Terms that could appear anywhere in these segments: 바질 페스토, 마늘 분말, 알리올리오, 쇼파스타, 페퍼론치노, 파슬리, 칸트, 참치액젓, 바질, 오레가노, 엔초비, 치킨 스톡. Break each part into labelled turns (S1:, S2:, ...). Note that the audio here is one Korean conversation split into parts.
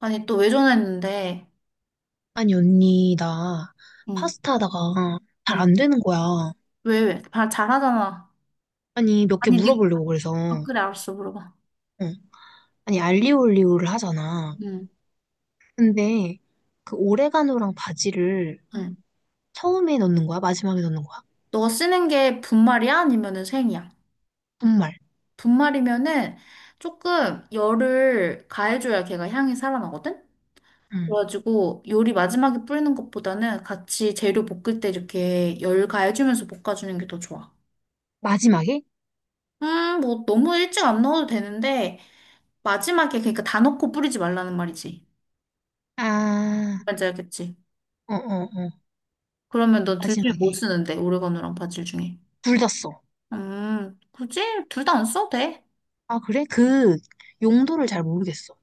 S1: 아니, 또 왜 전화했는데?
S2: 아니, 언니, 나
S1: 응.
S2: 파스타 하다가 잘
S1: 응.
S2: 안 되는 거야.
S1: 왜, 왜? 다 잘하잖아.
S2: 아니, 몇 개
S1: 아니, 니,
S2: 물어보려고 그래서.
S1: 아,
S2: 응.
S1: 그래, 알았어, 물어봐.
S2: 아니, 알리올리오를 하잖아.
S1: 응.
S2: 근데 그 오레가노랑 바지를
S1: 응.
S2: 처음에 넣는 거야? 마지막에 넣는 거야?
S1: 너 쓰는 게 분말이야? 아니면은 생이야?
S2: 정말.
S1: 분말이면은 조금 열을 가해줘야 걔가 향이 살아나거든?
S2: 응.
S1: 그래가지고 요리 마지막에 뿌리는 것보다는 같이 재료 볶을 때 이렇게 열 가해주면서 볶아주는 게 더 좋아.
S2: 마지막에?
S1: 뭐 너무 일찍 안 넣어도 되는데 마지막에 그러니까 다 넣고 뿌리지 말라는 말이지.
S2: 아,
S1: 뭔지 알겠지?
S2: 어, 어, 어.
S1: 그러면 넌 둘 중에 뭐
S2: 마지막에.
S1: 쓰는데? 오레가노랑 바질 중에.
S2: 둘 다 써.
S1: 굳이 둘 다 안 써도 돼.
S2: 아, 그래? 그 용도를 잘 모르겠어.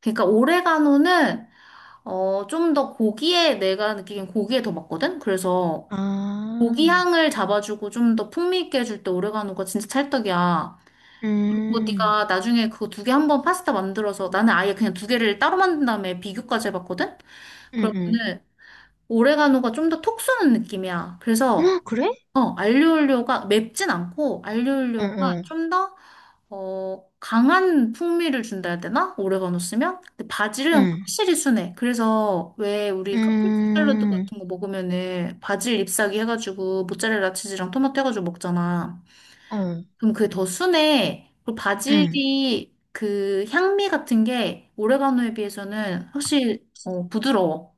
S1: 그러니까 오레가노는 어, 좀 더 고기에 내가 느끼기엔 고기에 더 맞거든? 그래서 고기
S2: 아,
S1: 향을 잡아주고 좀 더 풍미 있게 해줄 때 오레가노가 진짜 찰떡이야. 그리고
S2: 음,
S1: 네가 나중에 그거 두 개 한 번 파스타 만들어서 나는 아예 그냥 두 개를 따로 만든 다음에 비교까지 해봤거든?
S2: 음,
S1: 그러면은 오레가노가 좀 더 톡 쏘는 느낌이야. 그래서
S2: 아, 그래?
S1: 어, 알리올리오가 맵진 않고
S2: 응,
S1: 알리올리오가
S2: 응,
S1: 좀 더, 어, 강한 풍미를 준다 해야 되나? 오레가노 쓰면? 근데 바질은
S2: 응,
S1: 확실히 순해. 그래서 왜 우리 카프리 샐러드
S2: 음,
S1: 같은 거 먹으면은 바질 잎사귀 해가지고 모짜렐라 치즈랑 토마토 해가지고 먹잖아.
S2: 어.
S1: 그럼 그게 더 순해. 그리고
S2: 응,
S1: 바질이 그 향미 같은 게 오레가노에 비해서는 확실히 어, 부드러워.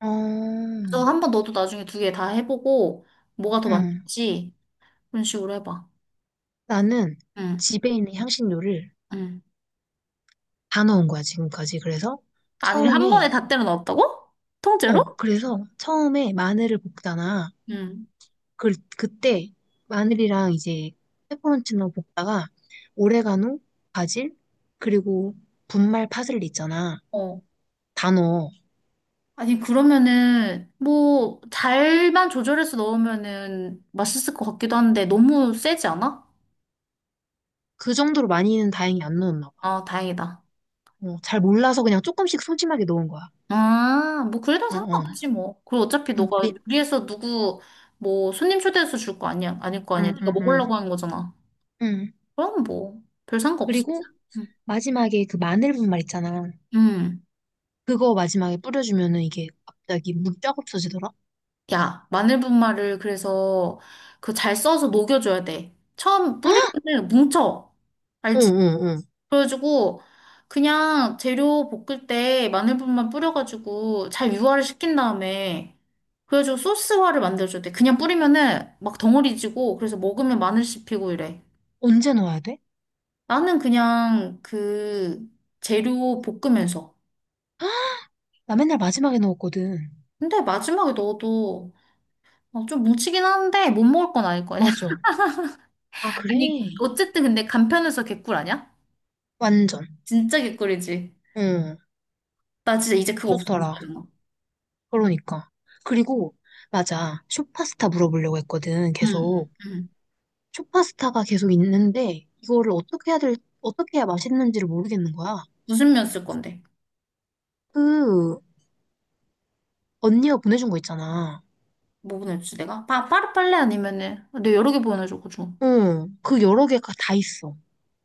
S2: 어,
S1: 그래서 한번 너도 나중에 두 개 다 해보고 뭐가 더
S2: 응,
S1: 맞는지 그런 식으로 해봐.
S2: 나는
S1: 응,
S2: 집에 있는 향신료를
S1: 응.
S2: 다 넣은 거야, 지금까지.
S1: 아니, 한
S2: 처음에,
S1: 번에 다 때려 넣었다고? 통째로?
S2: 그래서 처음에 마늘을 볶잖아.
S1: 응.
S2: 그, 그때 마늘이랑 이제 페퍼론치노 볶다가 오레가노, 바질, 그리고 분말 파슬리 있잖아.
S1: 어.
S2: 다 넣어.
S1: 아니, 그러면은, 뭐, 잘만 조절해서 넣으면은 맛있을 것 같기도 한데, 너무 세지 않아?
S2: 그 정도로 많이는 다행히 안 넣었나 봐.
S1: 아, 다행이다.
S2: 어, 잘 몰라서 그냥 조금씩 소심하게 넣은 거야.
S1: 아, 뭐, 그래도
S2: 어, 어.
S1: 상관없지, 뭐. 그리고 어차피
S2: 응,
S1: 너가 요리해서 누구, 뭐, 손님 초대해서 줄 거 아니야, 아닐 거 아니야.
S2: 응,
S1: 네가
S2: 응,
S1: 먹으려고
S2: 응.
S1: 하는 거잖아.
S2: 응,
S1: 그럼 뭐, 별 상관없어.
S2: 그리고
S1: 응.
S2: 마지막에 그 마늘 분말 있잖아.
S1: 응.
S2: 그거 마지막에 뿌려주면은 이게 갑자기 물이 쫙 없어지더라?
S1: 야, 마늘분말을 그래서 그 잘 써서 녹여줘야 돼. 처음 뿌리면은 뭉쳐.
S2: 응,
S1: 알지?
S2: 응, 응.
S1: 그래가지고 그냥 재료 볶을 때 마늘분말 뿌려가지고 잘 유화를 시킨 다음에 그래가지고 소스화를 만들어줘야 돼. 그냥 뿌리면은 막 덩어리지고 그래서 먹으면 마늘 씹히고 이래.
S2: 언제 넣어야 돼?
S1: 나는 그냥 그 재료 볶으면서.
S2: 나 맨날 마지막에 넣었거든.
S1: 근데 마지막에 넣어도 어, 좀 뭉치긴 하는데 못 먹을 건 아닐 거야.
S2: 맞아. 아, 그래?
S1: 아니, 어쨌든 근데 간편해서 개꿀 아니야?
S2: 완전.
S1: 진짜 개꿀이지.
S2: 응.
S1: 나 진짜 이제 그거 없으면 못
S2: 좋더라.
S1: 살아.
S2: 그러니까. 그리고, 맞아. 쇼파스타 물어보려고 했거든.
S1: 응, 응,
S2: 계속.
S1: 응.
S2: 쇼파스타가 계속 있는데, 이거를 어떻게 해야 맛있는지를 모르겠는 거야.
S1: 무슨 면 쓸 건데?
S2: 그, 언니가 보내준 거 있잖아.
S1: 뭐 보내주지 내가? 파, 파르팔레 아니면은 내가 여러 개 보내줘가지고.
S2: 응. 그 여러 개가 다 있어.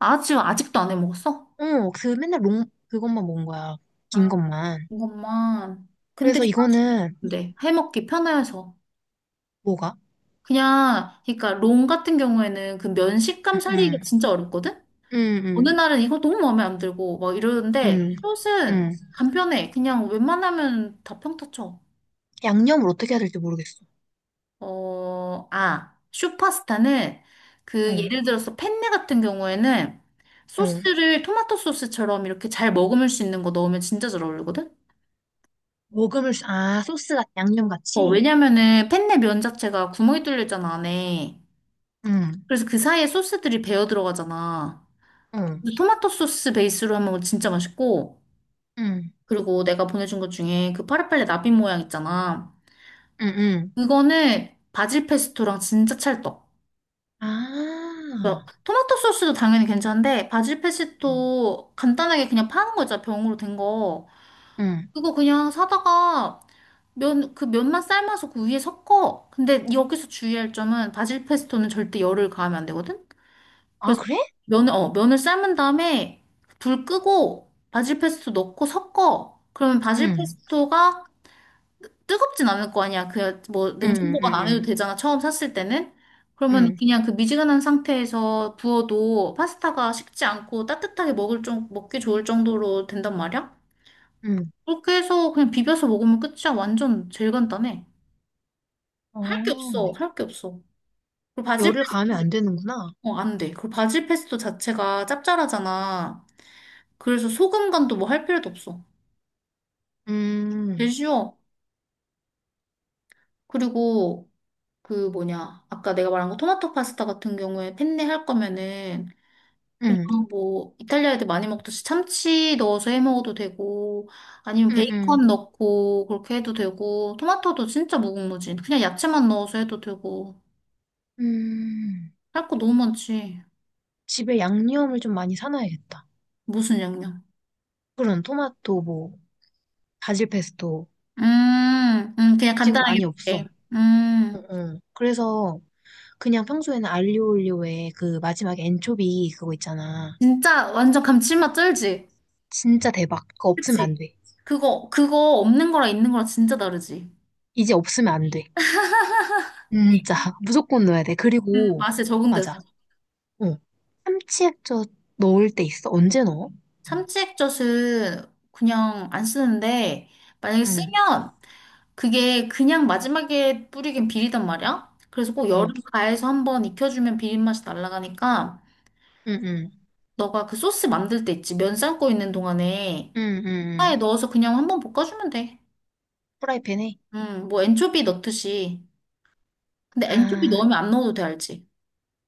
S1: 아, 지금 아직도 안 해먹었어?
S2: 어, 그 맨날 롱, 그것만 먹은 거야. 긴
S1: 아,
S2: 것만.
S1: 이것만. 근데
S2: 그래서 이거는
S1: 근데 해먹기 편해서.
S2: 뭐가?
S1: 그냥, 그러니까 롱 같은 경우에는 그 면 식감
S2: 응,
S1: 살리기가
S2: 응,
S1: 진짜 어렵거든?
S2: 응,
S1: 어느
S2: 응,
S1: 날은 이거 너무 마음에 안 들고 막 이러는데
S2: 응,
S1: 숏은
S2: 응.
S1: 간편해. 그냥 웬만하면 다 평타 쳐.
S2: 양념을 어떻게 해야 될지 모르겠어.
S1: 어, 아, 슈퍼스타는 그
S2: 응,
S1: 예를 들어서 펜네 같은 경우에는
S2: 응.
S1: 소스를 토마토 소스처럼 이렇게 잘 머금을 수 있는 거 넣으면 진짜 잘 어울리거든?
S2: 아, 양념
S1: 어,
S2: 같이?
S1: 왜냐면은 펜네 면 자체가 구멍이 뚫려 있잖아, 안에.
S2: 응,
S1: 그래서 그 사이에 소스들이 배어 들어가잖아.
S2: 응,
S1: 근데 토마토 소스 베이스로 하면 진짜 맛있고,
S2: 응,
S1: 그리고 내가 보내준 것 중에 그 파리팔레 나비 모양 있잖아.
S2: 응, 응.
S1: 그거는 바질 페스토랑 진짜 찰떡. 그래서
S2: 아,
S1: 토마토 소스도 당연히 괜찮은데 바질 페스토 간단하게 그냥 파는 거 있잖아 병으로 된 거.
S2: 응.
S1: 그거 그냥 사다가 면, 그 면만 삶아서 그 위에 섞어. 근데 여기서 주의할 점은 바질 페스토는 절대 열을 가하면 안 되거든.
S2: 아,
S1: 그래서
S2: 그래?
S1: 면을 삶은 다음에 불 끄고 바질 페스토 넣고 섞어. 그러면 바질
S2: 응,
S1: 페스토가 뜨겁진 않을 거 아니야. 그 뭐
S2: 응,
S1: 냉장
S2: 응,
S1: 보관
S2: 응,
S1: 안 해도
S2: 응,
S1: 되잖아. 처음 샀을 때는. 그러면
S2: 응.
S1: 그냥 그 미지근한 상태에서 부어도 파스타가 식지 않고 따뜻하게 먹을 좀 먹기 좋을 정도로 된단 말이야.
S2: 응.
S1: 그렇게 해서 그냥 비벼서 먹으면 끝이야. 완전 제일 간단해. 할 게
S2: 어,
S1: 없어. 할 게 없어. 그리고 바질
S2: 열을 가하면
S1: 페스토
S2: 안 되는구나.
S1: 어, 안 돼. 그리고 바질 페스토 자체가 짭짤하잖아. 그래서 소금 간도 뭐 할 필요도 없어. 제일
S2: 음,
S1: 쉬워. 그리고 그 뭐냐 아까 내가 말한 거 토마토 파스타 같은 경우에 펜네 할 거면은 그냥
S2: 음,
S1: 뭐 이탈리아 애들 많이 먹듯이 참치 넣어서 해 먹어도 되고 아니면
S2: 음, 음,
S1: 베이컨 넣고 그렇게 해도 되고 토마토도 진짜 무궁무진 그냥 야채만 넣어서 해도 되고
S2: 음.
S1: 할 거 너무 많지.
S2: 집에 양념을 좀 많이 사놔야겠다.
S1: 무슨 양념.
S2: 그런 토마토, 뭐, 바질 페스토.
S1: 음, 그냥
S2: 지금
S1: 간단하게
S2: 많이 없어.
S1: 먹게
S2: 어, 어. 그래서 그냥 평소에는 알리오 올리오에 그 마지막에 엔초비 그거 있잖아.
S1: 진짜 완전 감칠맛 쩔지.
S2: 진짜 대박. 그거 없으면 안
S1: 그치.
S2: 돼.
S1: 그거 그거 없는 거랑 있는 거랑 진짜 다르지.
S2: 이제 없으면 안 돼. 진짜. 무조건 넣어야 돼.
S1: 그
S2: 그리고,
S1: 맛에
S2: 맞아.
S1: 적응돼서.
S2: 어. 참치 액젓 넣을 때 있어. 언제 넣어?
S1: 참치 액젓은 그냥 안 쓰는데 만약에
S2: 응,
S1: 쓰면 그게 그냥 마지막에 뿌리긴 비리단 말이야. 그래서 꼭열
S2: 응,
S1: 여름 가해서 한번 익혀주면 비린맛이 날아가니까
S2: 응, 응,
S1: 너가 그 소스 만들 때 있지. 면 삶고 있는 동안에
S2: 응, 응.
S1: 파에
S2: 응.
S1: 넣어서 그냥 한번 볶아주면 돼.
S2: 프라이팬에?
S1: 뭐 엔초비 넣듯이. 근데 엔초비
S2: 아,
S1: 넣으면 안 넣어도 돼, 알지?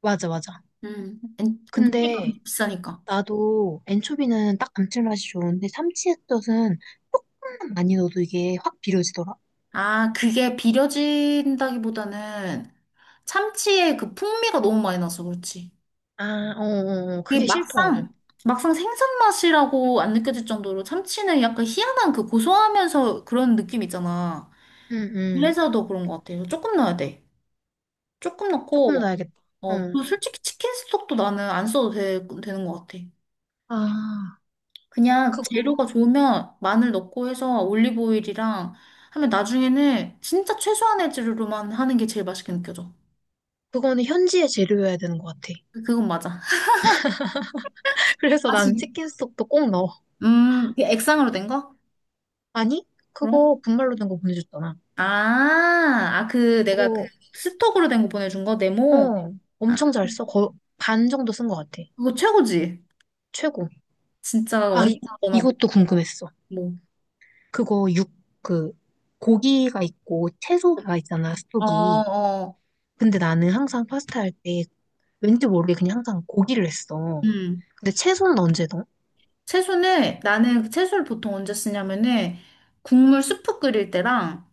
S2: 맞아, 맞아.
S1: 엔초비가
S2: 근데
S1: 비싸니까.
S2: 나도 엔초비는 딱 감칠맛이 좋은데 참치액젓은 조금만 많이 넣어도 이게 확 비려지더라.
S1: 아, 그게 비려진다기보다는 참치의 그 풍미가 너무 많이 나서 그렇지.
S2: 아, 어, 어, 어.
S1: 이게
S2: 그게 싫더라고.
S1: 막상 막상 생선 맛이라고 안 느껴질 정도로 참치는 약간 희한한 그 고소하면서 그런 느낌 있잖아.
S2: 응, 응.
S1: 그래서 더 그런 것 같아요. 조금 넣어야 돼. 조금
S2: 조금
S1: 넣고
S2: 넣어야겠다.
S1: 어,
S2: 어.
S1: 그리고 솔직히 치킨 스톡도 나는 안 써도 되는 것 같아.
S2: 아,
S1: 그냥 재료가
S2: 그거,
S1: 좋으면 마늘 넣고 해서 올리브 오일이랑 하면 나중에는 진짜 최소한의 재료로만 하는 게 제일 맛있게 느껴져.
S2: 그거는 현지의 재료여야 되는 것 같아.
S1: 그건 맞아.
S2: 그래서
S1: 아,
S2: 난
S1: 진
S2: 치킨 스톡도 꼭 넣어.
S1: 그 액상으로 된 거?
S2: 아니, 그거 분말로 된 거 보내줬잖아.
S1: 아, 아, 그 내가 그
S2: 그거,
S1: 스톡으로 된 거 보내준 거 네모.
S2: 어,
S1: 아,
S2: 엄청 잘 써. 거의 반 정도 쓴 것 같아.
S1: 그거 최고지.
S2: 최고.
S1: 진짜
S2: 아,
S1: 완전 간단하고
S2: 이것도 궁금했어.
S1: 뭐.
S2: 그거 육, 그, 고기가 있고 채소가 있잖아,
S1: 어,
S2: 스톡이.
S1: 어.
S2: 근데 나는 항상 파스타 할 때 왠지 모르게 그냥 항상 고기를 했어.
S1: 음.
S2: 근데 채소는 언제 넣어?
S1: 채소는 나는 그 채소를 보통 언제 쓰냐면은 국물 수프 끓일 때랑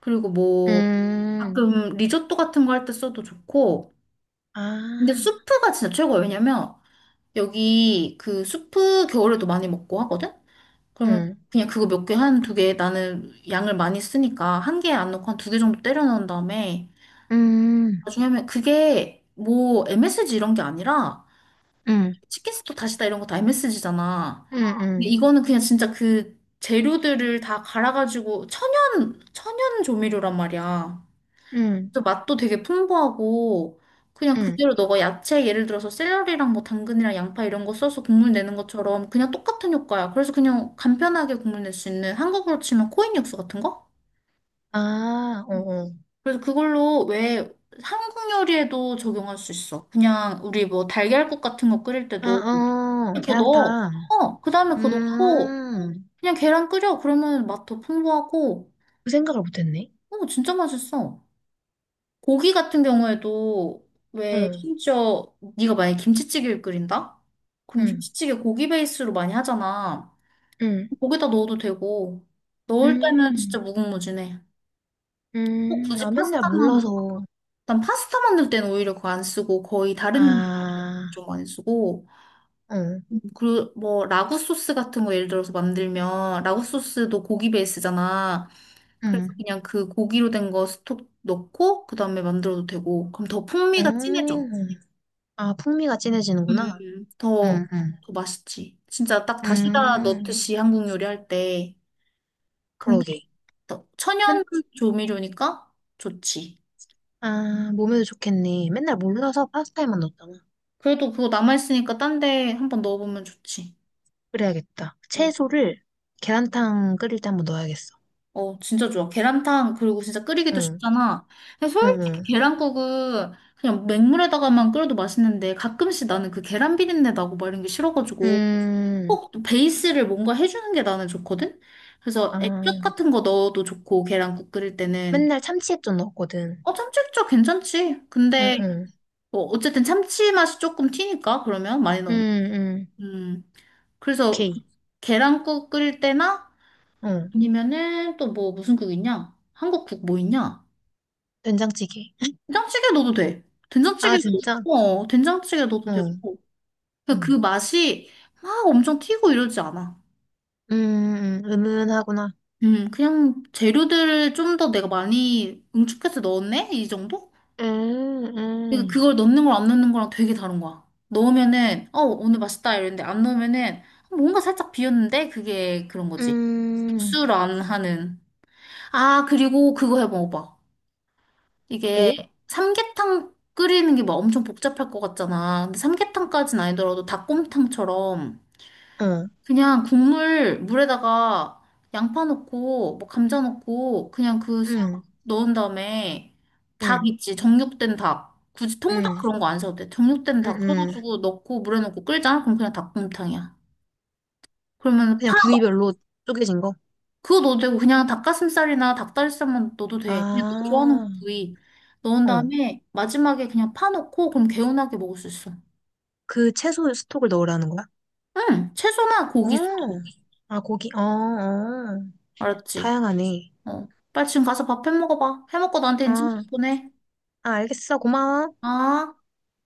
S1: 그리고 뭐
S2: 음,
S1: 가끔 리조또 같은 거 할 때 써도 좋고. 근데
S2: 아,
S1: 수프가 진짜 최고예요. 왜냐면 여기 그 수프 겨울에도 많이 먹고 하거든. 그러면
S2: 응,
S1: 그냥 그거 몇 개, 한 두 개, 나는 양을 많이 쓰니까 한 개 안 넣고 한 두 개 정도 때려 넣은 다음에
S2: 음,
S1: 나중에 하면 그게 뭐 MSG 이런 게 아니라
S2: 음,
S1: 치킨 스톡 다시다 이런 거 다 MSG잖아.
S2: 음,
S1: 근데
S2: 음,
S1: 이거는 그냥 진짜 그 재료들을 다 갈아가지고 천연 조미료란 말이야.
S2: 음,
S1: 그래서 맛도 되게 풍부하고 그냥
S2: 음,
S1: 그대로 너가 야채 예를 들어서 샐러리랑 뭐 당근이랑 양파 이런 거 써서 국물 내는 것처럼 그냥 똑같은 효과야. 그래서 그냥 간편하게 국물 낼 수 있는 한국으로 치면 코인 육수 같은 거?
S2: 아, 어,
S1: 음.
S2: 어.
S1: 그래서 그걸로 왜 한국 요리에도 적용할 수 있어. 그냥 우리 뭐 달걀국 같은 거 끓일
S2: 아,
S1: 때도
S2: 어,
S1: 그거 넣어.
S2: 계란탕.
S1: 어, 그 다음에 그거 넣고
S2: 음,
S1: 그냥 계란 끓여. 그러면 맛 더 풍부하고
S2: 그 생각을 못했네.
S1: 어, 진짜 맛있어. 고기 같은 경우에도 왜
S2: 음,
S1: 심지어 네가 만약에 김치찌개를 끓인다? 그럼
S2: 음,
S1: 김치찌개 고기 베이스로 많이 하잖아.
S2: 음.
S1: 거기다 넣어도 되고 넣을 때는 진짜
S2: 음,
S1: 무궁무진해. 꼭 굳이
S2: 아, 맨날
S1: 파스타만.
S2: 몰라서.
S1: 난 파스타 만들 때는 오히려 그거 안 쓰고 거의 다른 요리에도
S2: 아.
S1: 좀 많이 쓰고
S2: 응,
S1: 그리고 뭐 라구 소스 같은 거 예를 들어서 만들면 라구 소스도 고기 베이스잖아. 그래서
S2: 응.
S1: 그냥 그 고기로 된 거 스톡 넣고 그다음에 만들어도 되고 그럼 더 풍미가 진해져.
S2: 음. 아, 풍미가 진해지는구나.
S1: 더,
S2: 응, 응.
S1: 더 맛있지. 진짜 딱 다시다
S2: 음,
S1: 넣듯이 한국 요리할 때. 근데
S2: 그러게.
S1: 또
S2: 맨,
S1: 천연 조미료니까 좋지.
S2: 아, 몸에도 좋겠네. 맨날 몰라서 파스타에만 넣었잖아.
S1: 그래도 그거 남아있으니까 딴데 한번 넣어보면 좋지.
S2: 그래야겠다.
S1: 응.
S2: 채소를 계란탕 끓일 때 한번 넣어야겠어.
S1: 어, 진짜 좋아. 계란탕, 그리고 진짜 끓이기도
S2: 응,
S1: 쉽잖아. 근데
S2: 응,
S1: 솔직히
S2: 응.
S1: 계란국은 그냥 맹물에다가만 끓여도 맛있는데 가끔씩 나는 그 계란 비린내 나고 막 이런 게 싫어가지고
S2: 음,
S1: 꼭 베이스를 뭔가 해주는 게 나는 좋거든? 그래서
S2: 아,
S1: 액젓 같은 거 넣어도 좋고, 계란국 끓일 때는.
S2: 맨날 참치액 좀 넣었거든.
S1: 어, 참치국자 괜찮지.
S2: 응,
S1: 근데,
S2: 응.
S1: 뭐, 어쨌든 참치 맛이 조금 튀니까, 그러면, 많이
S2: 응,
S1: 넣으면.
S2: 응.
S1: 음, 그래서,
S2: 오케이.
S1: 계란국 끓일 때나,
S2: 응.
S1: 아니면은, 또 뭐, 무슨 국 있냐? 한국 국 뭐 있냐?
S2: 된장찌개.
S1: 된장찌개 넣어도 돼.
S2: 아,
S1: 된장찌개도,
S2: 진짜?
S1: 어, 된장찌개 넣어도
S2: 응,
S1: 되고. 그러니까 그
S2: 응.
S1: 맛이 막 엄청 튀고 이러지 않아.
S2: 은은하구나.
S1: 그냥 재료들을 좀 더 내가 많이 응축해서 넣었네? 이 정도?
S2: 음,
S1: 그러니까
S2: 음.
S1: 그걸 넣는 거랑 안 넣는 거랑 되게 다른 거야. 넣으면은 어 오늘 맛있다 이랬는데 안 넣으면은 뭔가 살짝 비었는데 그게 그런 거지. 육
S2: 음,
S1: 수안 하는. 아 그리고 그거 해 먹어봐. 이게
S2: 뭐?
S1: 삼계탕 끓이는 게 막 엄청 복잡할 것 같잖아. 근데 삼계탕까진 아니더라도 닭곰탕처럼
S2: 어,
S1: 그냥 국물 물에다가 양파 넣고 뭐 감자 넣고 그냥 그 스-
S2: 응,
S1: 넣은 다음에 닭
S2: 응,
S1: 있지 정육된 닭 굳이 통닭
S2: 응,
S1: 그런 거 안 사도 돼 정육된
S2: 응,
S1: 닭
S2: 응.
S1: 해가지고 넣고 물에 넣고 끓이잖아 그럼 그냥 닭곰탕이야. 그러면 파
S2: 그냥
S1: 마-
S2: 부위별로 쪼개진 거?
S1: 그거 넣어도 되고 그냥 닭가슴살이나 닭다리살만 넣어도 돼 그냥 너
S2: 아,
S1: 좋아하는 부위 넣은
S2: 어.
S1: 다음에 마지막에 그냥 파 넣고 그럼 개운하게 먹을 수 있어.
S2: 그 채소 스톡을 넣으라는 거야?
S1: 응 채소나
S2: 어,
S1: 고기 수도.
S2: 아, 고기, 어, 어.
S1: 알았지?
S2: 다양하네.
S1: 어 빨리 지금 가서 밥 해 먹어봐 해 먹고 나한테 인증샷
S2: 아,
S1: 보내.
S2: 아, 알겠어. 고마워.
S1: 아,